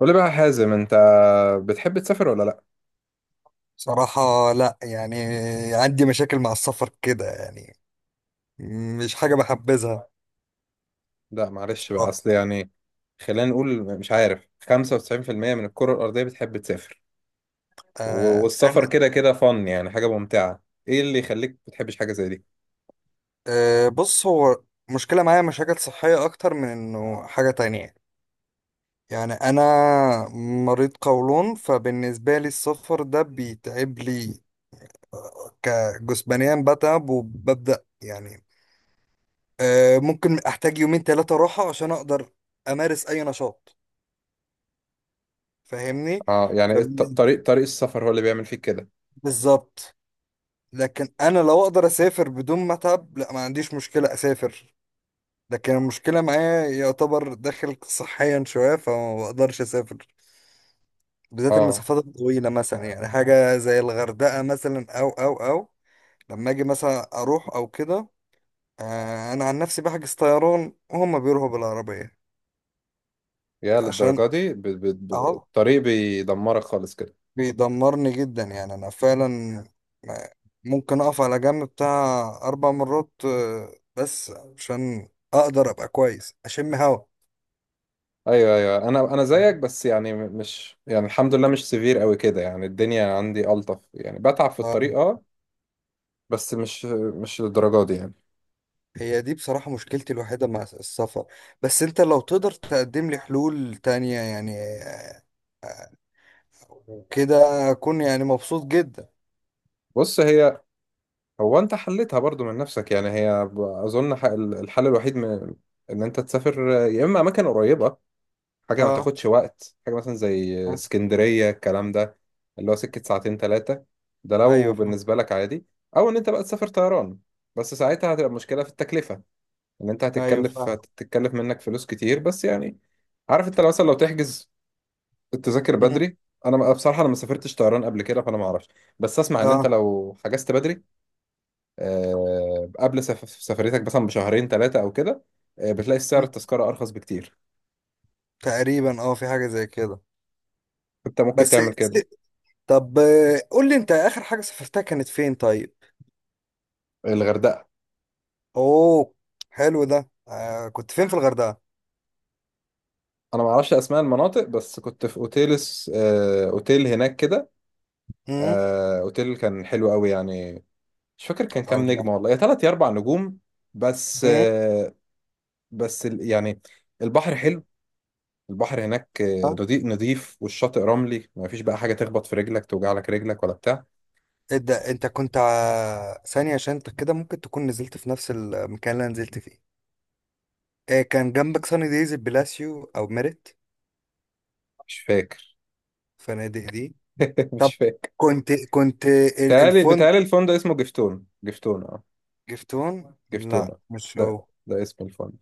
قول لي بقى يا حازم، انت بتحب تسافر ولا لا؟ صراحة، لا يعني، عندي مشاكل مع السفر كده يعني مش حاجة بحبذها. لا، معلش بقى، بصراحة، اصل يعني خلينا نقول، مش عارف، 95% من الكرة الأرضية بتحب تسافر. آه أنا والسفر كده كده فن، يعني حاجة ممتعة. ايه اللي يخليك ما بتحبش حاجة زي دي؟ آه بص، هو مشكلة معايا، مشاكل صحية أكتر من إنه حاجة تانية. يعني أنا مريض قولون، فبالنسبة لي السفر ده بيتعب لي. كجسمانيا بتعب وببدأ، يعني ممكن أحتاج يومين تلاتة راحة عشان أقدر أمارس أي نشاط. فاهمني؟ اه يعني طريق السفر هو اللي بيعمل فيك كده. فبالظبط. لكن انا لو اقدر اسافر بدون ما اتعب، لا ما عنديش مشكله اسافر. لكن المشكله معايا يعتبر داخل صحيا شويه، فما بقدرش اسافر، بالذات اه، المسافات الطويله، مثلا يعني حاجه زي الغردقه مثلا او لما اجي مثلا اروح او كده. انا عن نفسي بحجز طيران وهم بيروحوا بالعربيه، يا عشان للدرجة دي؟ اهو الطريق بيدمرك خالص كده. بيدمرني جدا، يعني انا فعلا، ما- ممكن اقف على جنب بتاع 4 مرات، بس عشان اقدر ابقى كويس اشم هوا. ايوه ايوه، انا زيك، بس يعني مش يعني، الحمد لله، مش سيفير قوي كده، يعني الدنيا عندي ألطف، يعني بتعب في اه. الطريق اه. بس مش للدرجة دي يعني. هي دي بصراحة مشكلتي الوحيدة مع السفر. بس انت لو تقدر تقدم لي حلول تانية، يعني كده اكون يعني مبسوط جدا. بص، هي هو انت حلتها برضو من نفسك، يعني هي الحل الوحيد من ان انت تسافر يا اما اماكن قريبه، حاجه ما اه. تاخدش وقت، حاجه مثلا زي آه، اسكندريه الكلام ده، اللي هو سكه ساعتين ثلاثه، ده لو ايوه فاهم. بالنسبه لك عادي. او ان انت بقى تسافر طيران، بس ساعتها هتبقى مشكله في التكلفه، ان انت ايوه هتتكلف فاهم. هتتكلف منك فلوس كتير. بس يعني عارف، انت لو مثلا لو تحجز التذاكر مم، بدري. انا بصراحه انا ما سافرتش طيران قبل كده فانا ما اعرفش، بس اسمع ان انت اه، لو حجزت بدري، قبل سفريتك مثلا بشهرين ثلاثة أو كده، بتلاقي سعر مم، التذكرة أرخص بكتير. تقريبا اه في حاجة زي كده. أنت ممكن بس تعمل س- كده. طب قول لي انت اخر حاجة سافرتها كانت فين طيب؟ الغردقة. اوه، حلو ده. آه، كنت فين في الغردقه؟ أنا ما اعرفش أسماء المناطق، بس كنت في أوتيل، أوتيل هناك كده. امم. أوتيل كان حلو قوي يعني. مش فاكر كان كام الله. نجمة، والله يا تلات يا أربع نجوم. بس امم. بس يعني البحر حلو، البحر هناك ها. نضيف نضيف، والشاطئ رملي، ما فيش بقى حاجة تخبط في رجلك توجع لك رجلك ولا بتاع. ايه ده، انت كنت ثانيه، عشان انت كده ممكن تكون نزلت في نفس المكان اللي أنا نزلت فيه. آه، كان جنبك ساني دايز البلاسيو او ميريت، مش فاكر. فنادق دي. طب، مش فاكر. كنت بتهيألي الفندق بتهيألي الفندق اسمه جفتون، جفتون اه. جفتون، لا جفتونة. مش ده هو. ده اسم الفندق.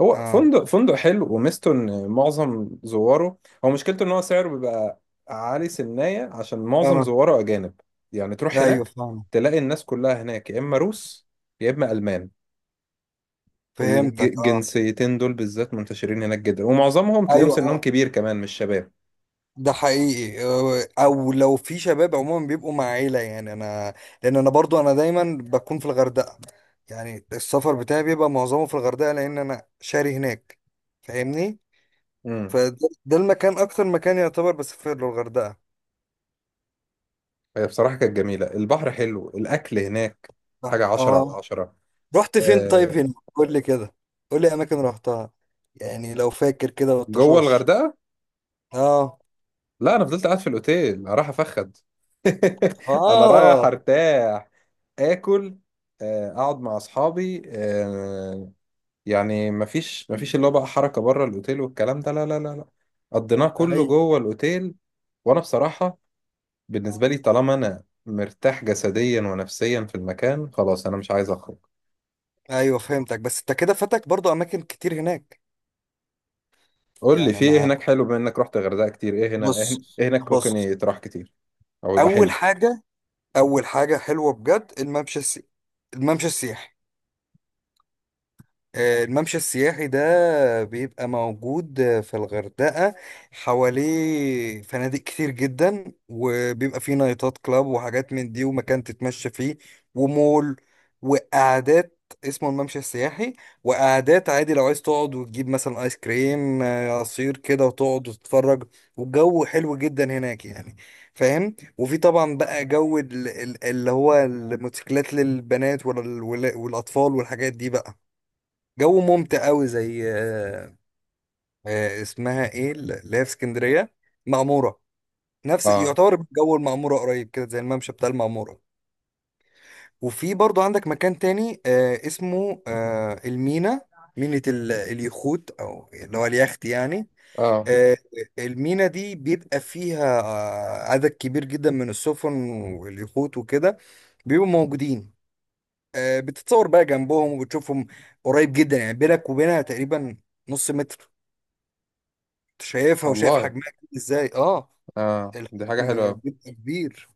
هو اه. فندق حلو، وميزته ان معظم زواره، هو مشكلته ان هو سعره بيبقى عالي سنية عشان معظم اه. زواره اجانب. يعني تروح ايوه هناك فاهم. تلاقي الناس كلها هناك يا اما روس يا اما المان. فهمتك. اه. الجنسيتين دول بالذات منتشرين هناك جدا، ومعظمهم تلاقيهم ايوه. سنهم آه. كبير كمان، مش شباب. ده حقيقي. او لو في شباب عموما بيبقوا مع عيله، يعني انا، لان انا برضو انا دايما بكون في الغردقه. يعني السفر بتاعي بيبقى معظمه في الغردقه، لان انا شاري هناك، فاهمني. امم. فده، ده المكان، اكتر مكان يعتبر بسافر له، الغردقه. هي بصراحة كانت جميلة، البحر حلو، الاكل هناك اه. حاجة عشرة على آه. عشرة. رحت فين طيب آه، هنا قول لي كده. قول لي اماكن رحتها، يعني لو فاكر كده جوه والطشاش. الغردقة؟ اه. لا، انا فضلت قاعد في الاوتيل، رايح افخد. انا رايح اه. ارتاح، اكل، اقعد مع اصحابي، يعني مفيش اللي هو بقى حركه بره الاوتيل والكلام ده، لا لا لا لا. قضيناه كله ايوه. جوه الاوتيل. وانا بصراحه بالنسبه لي طالما انا مرتاح جسديا ونفسيا في المكان، خلاص انا مش عايز اخرج. ايوه فهمتك، بس انت كده فاتك برضو اماكن كتير هناك. قول لي يعني في ايه انا، هناك حلو، بما انك رحت غردقه كتير، ايه هنا بص، إيه هناك بص، ممكن يتراح كتير او يبقى اول حلو؟ حاجه، اول حاجه حلوه بجد، الممشى الممشى السياحي. الممشى السياحي ده بيبقى موجود في الغردقة. حواليه فنادق كتير جدا وبيبقى فيه نايتات كلاب وحاجات من دي، ومكان تتمشى فيه، ومول، وقعدات. اسمه الممشى السياحي. وقعدات عادي لو عايز تقعد وتجيب مثلا ايس كريم، عصير كده، وتقعد وتتفرج، والجو حلو جدا هناك يعني. فاهم. وفي طبعا بقى جو اللي هو الموتوسيكلات للبنات والاطفال والحاجات دي بقى، جو ممتع قوي زي، اسمها ايه اللي هي في اسكندريه، المعموره. نفس اه. يعتبر جو المعموره، قريب كده زي الممشى بتاع المعموره. وفي برضو عندك مكان تاني اسمه المينا، مينة اليخوت، او اللي هو اليخت يعني. اه آه. المينا دي بيبقى فيها عدد كبير جدا من السفن واليخوت وكده، بيبقوا موجودين. بتتصور بقى جنبهم وبتشوفهم قريب جدا، يعني بينك وبينها تقريبا نص متر، شايفها وشايف والله. حجمها كبير ازاي. اه. اه، دي حاجه حلوه الحجم أوي. بيبقى كبير،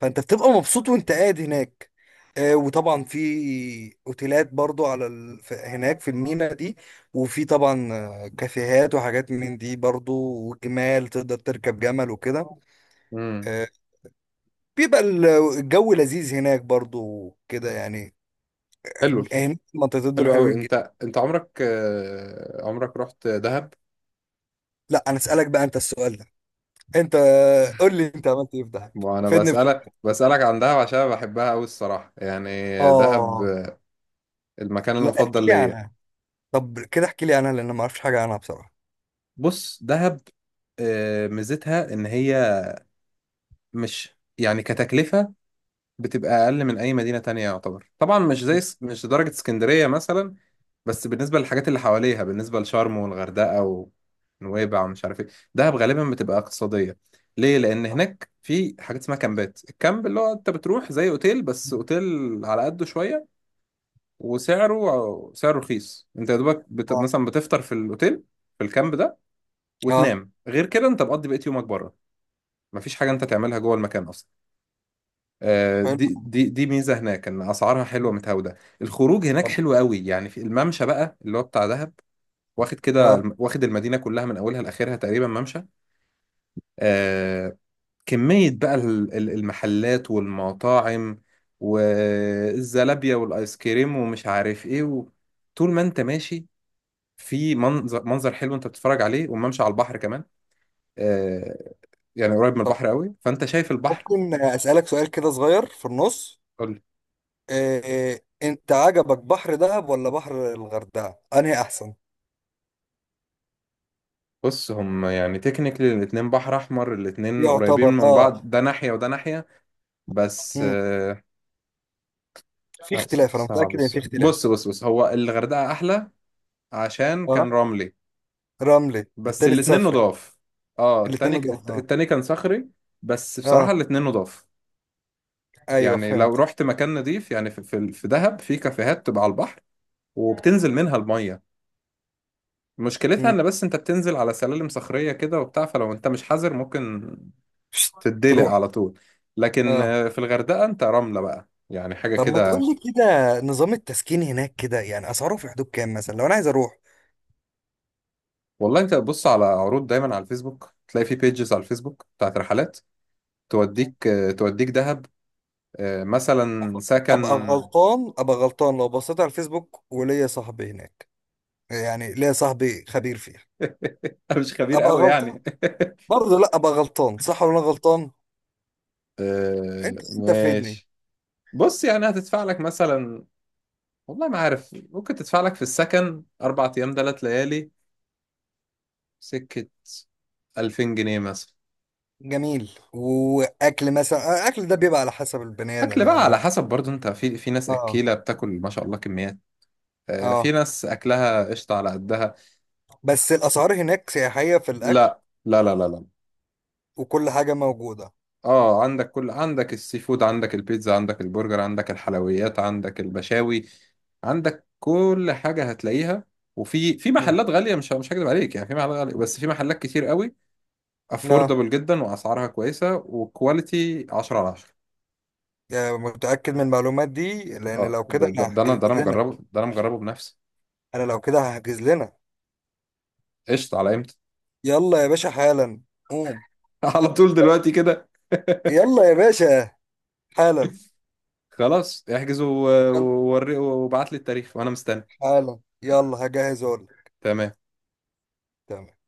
فانت بتبقى مبسوط وانت قاعد هناك. وطبعا في اوتيلات برضو هناك في المينا دي. وفي طبعا كافيهات وحاجات من دي برضو، وجمال، تقدر تركب جمل وكده. امم. آه، بيبقى الجو لذيذ هناك برضو كده يعني. حلو. هناك منطقتين دول حلو قوي. حلوين جدا. انت، انت عمرك، عمرك رحت دهب؟ لا انا اسالك بقى انت السؤال ده، انت قول لي انت عملت ايه في دهب. وانا فدني بخير. بسألك عن دهب عشان بحبها قوي الصراحة يعني. دهب، اه. المكان لا احكي المفضل لي ليا. عنها. طب كده احكي لي عنها لان أنا ما اعرفش حاجه عنها بصراحه. بص، دهب ميزتها ان هي مش يعني كتكلفة بتبقى اقل من اي مدينه تانية يعتبر، طبعا مش زي، مش درجه اسكندريه مثلا، بس بالنسبه للحاجات اللي حواليها بالنسبه لشرم والغردقه ونويبع ومش عارف ايه. دهب غالبا بتبقى اقتصاديه. ليه؟ لان طب. هناك في حاجات اسمها كامبات. الكامب اللي هو انت بتروح زي اوتيل بس اوتيل على قده شويه، وسعره سعره رخيص. انت يا دوبك آه. مثلا بتفطر في الاوتيل، في الكامب ده، آه. وتنام. غير كده انت بتقضي بقية يومك بره. مفيش حاجه انت تعملها جوه المكان اصلا. حلو. دي ميزه هناك، ان اسعارها حلوه متهاوده. الخروج هناك طب. حلو قوي، يعني في الممشى بقى اللي هو بتاع دهب، واخد كده آه. واخد المدينه كلها من اولها لاخرها تقريبا ممشى. آه. كميه بقى المحلات والمطاعم والزلابيه والايس كريم ومش عارف ايه، و... طول ما انت ماشي في منظر، منظر حلو انت بتتفرج عليه، والممشى على البحر كمان. آه. يعني قريب من طب البحر قوي، فانت شايف البحر. ممكن أسألك سؤال كده صغير في النص؟ آه، أنت عجبك بحر دهب ولا بحر الغردقة؟ أنهي أحسن؟ بص، هم يعني تكنيكلي الاتنين بحر احمر، الاتنين قريبين يعتبر من آه. بعض، ده ناحية وده ناحية، بس مم. في لا، اختلاف، أنا صعب متأكد إن في السؤال. اختلاف. بص بص بص، هو الغردقة احلى عشان كان آه. رملي. رملي، بس التاني الاتنين صخري. نضاف. اه، التاني، الاتنين ضح. آه. التاني كان صخري، بس بصراحة آه. الاتنين نضاف. أيوه يعني لو فهمت. رحت مكان نضيف يعني، في في دهب في كافيهات تبقى على البحر، وبتنزل منها المية. مشكلتها مم. ان بس انت بتنزل على سلالم صخرية كده وبتاع، فلو انت مش حذر ممكن شت. تتدلق تروح. على طول. لكن آه. في الغردقة انت رملة بقى، يعني حاجة طب ما تقول كده. لي كده، نظام التسكين هناك كده يعني أسعاره في حدود كام مثلا لو أنا عايز أروح؟ والله انت بص على عروض دايما على الفيسبوك، تلاقي في بيجز على الفيسبوك بتاعت رحلات توديك، توديك دهب، مثلا ابقى سكن. غلطان، ابقى غلطان لو بصيت على الفيسبوك وليا صاحبي هناك. يعني ليا صاحبي خبير فيها. انا مش خبير ابقى قوي غلطان يعني. برضه. لا ابقى غلطان، صح ولا أنا غلطان؟ انت انت فيدني. ماشي. بص يعني هتدفع لك مثلا، والله ما عارف، ممكن تدفع لك في السكن أربع أيام تلات ليالي، سكة 2000 جنيه مثلا. جميل. واكل مثلا الاكل ده بيبقى على حسب البني أكل ادم، بقى يعني على حسب برضو أنت، في ناس اه. أكيلة بتاكل ما شاء الله كميات، في اه. ناس اكلها قشطه على قدها. بس الاسعار هناك سياحية في الاكل لا لا لا لا لا. وكل حاجة موجودة. اه، عندك كل، عندك السي فود، عندك البيتزا، عندك البرجر، عندك الحلويات، عندك المشاوي، عندك كل حاجه هتلاقيها. وفي مم. محلات غاليه، مش هكذب عليك، يعني في محلات غاليه، بس في محلات كتير قوي لا افوردبل جدا، واسعارها كويسه، وكواليتي 10 على 10. يعني متأكد من المعلومات دي، لان اه، لو كده انا هحجز لنا. ده انا مجربه بنفسي. انا لو كده هحجز لنا. قشطه، على امتى؟ يلا يا باشا، حالا، قوم. على طول دلوقتي كده؟ يلا يا باشا، حالا. خلاص احجز يلا، ووري وابعت لي التاريخ وانا مستني. حالا. يلا هجهز اقول لك. تمام. تمام.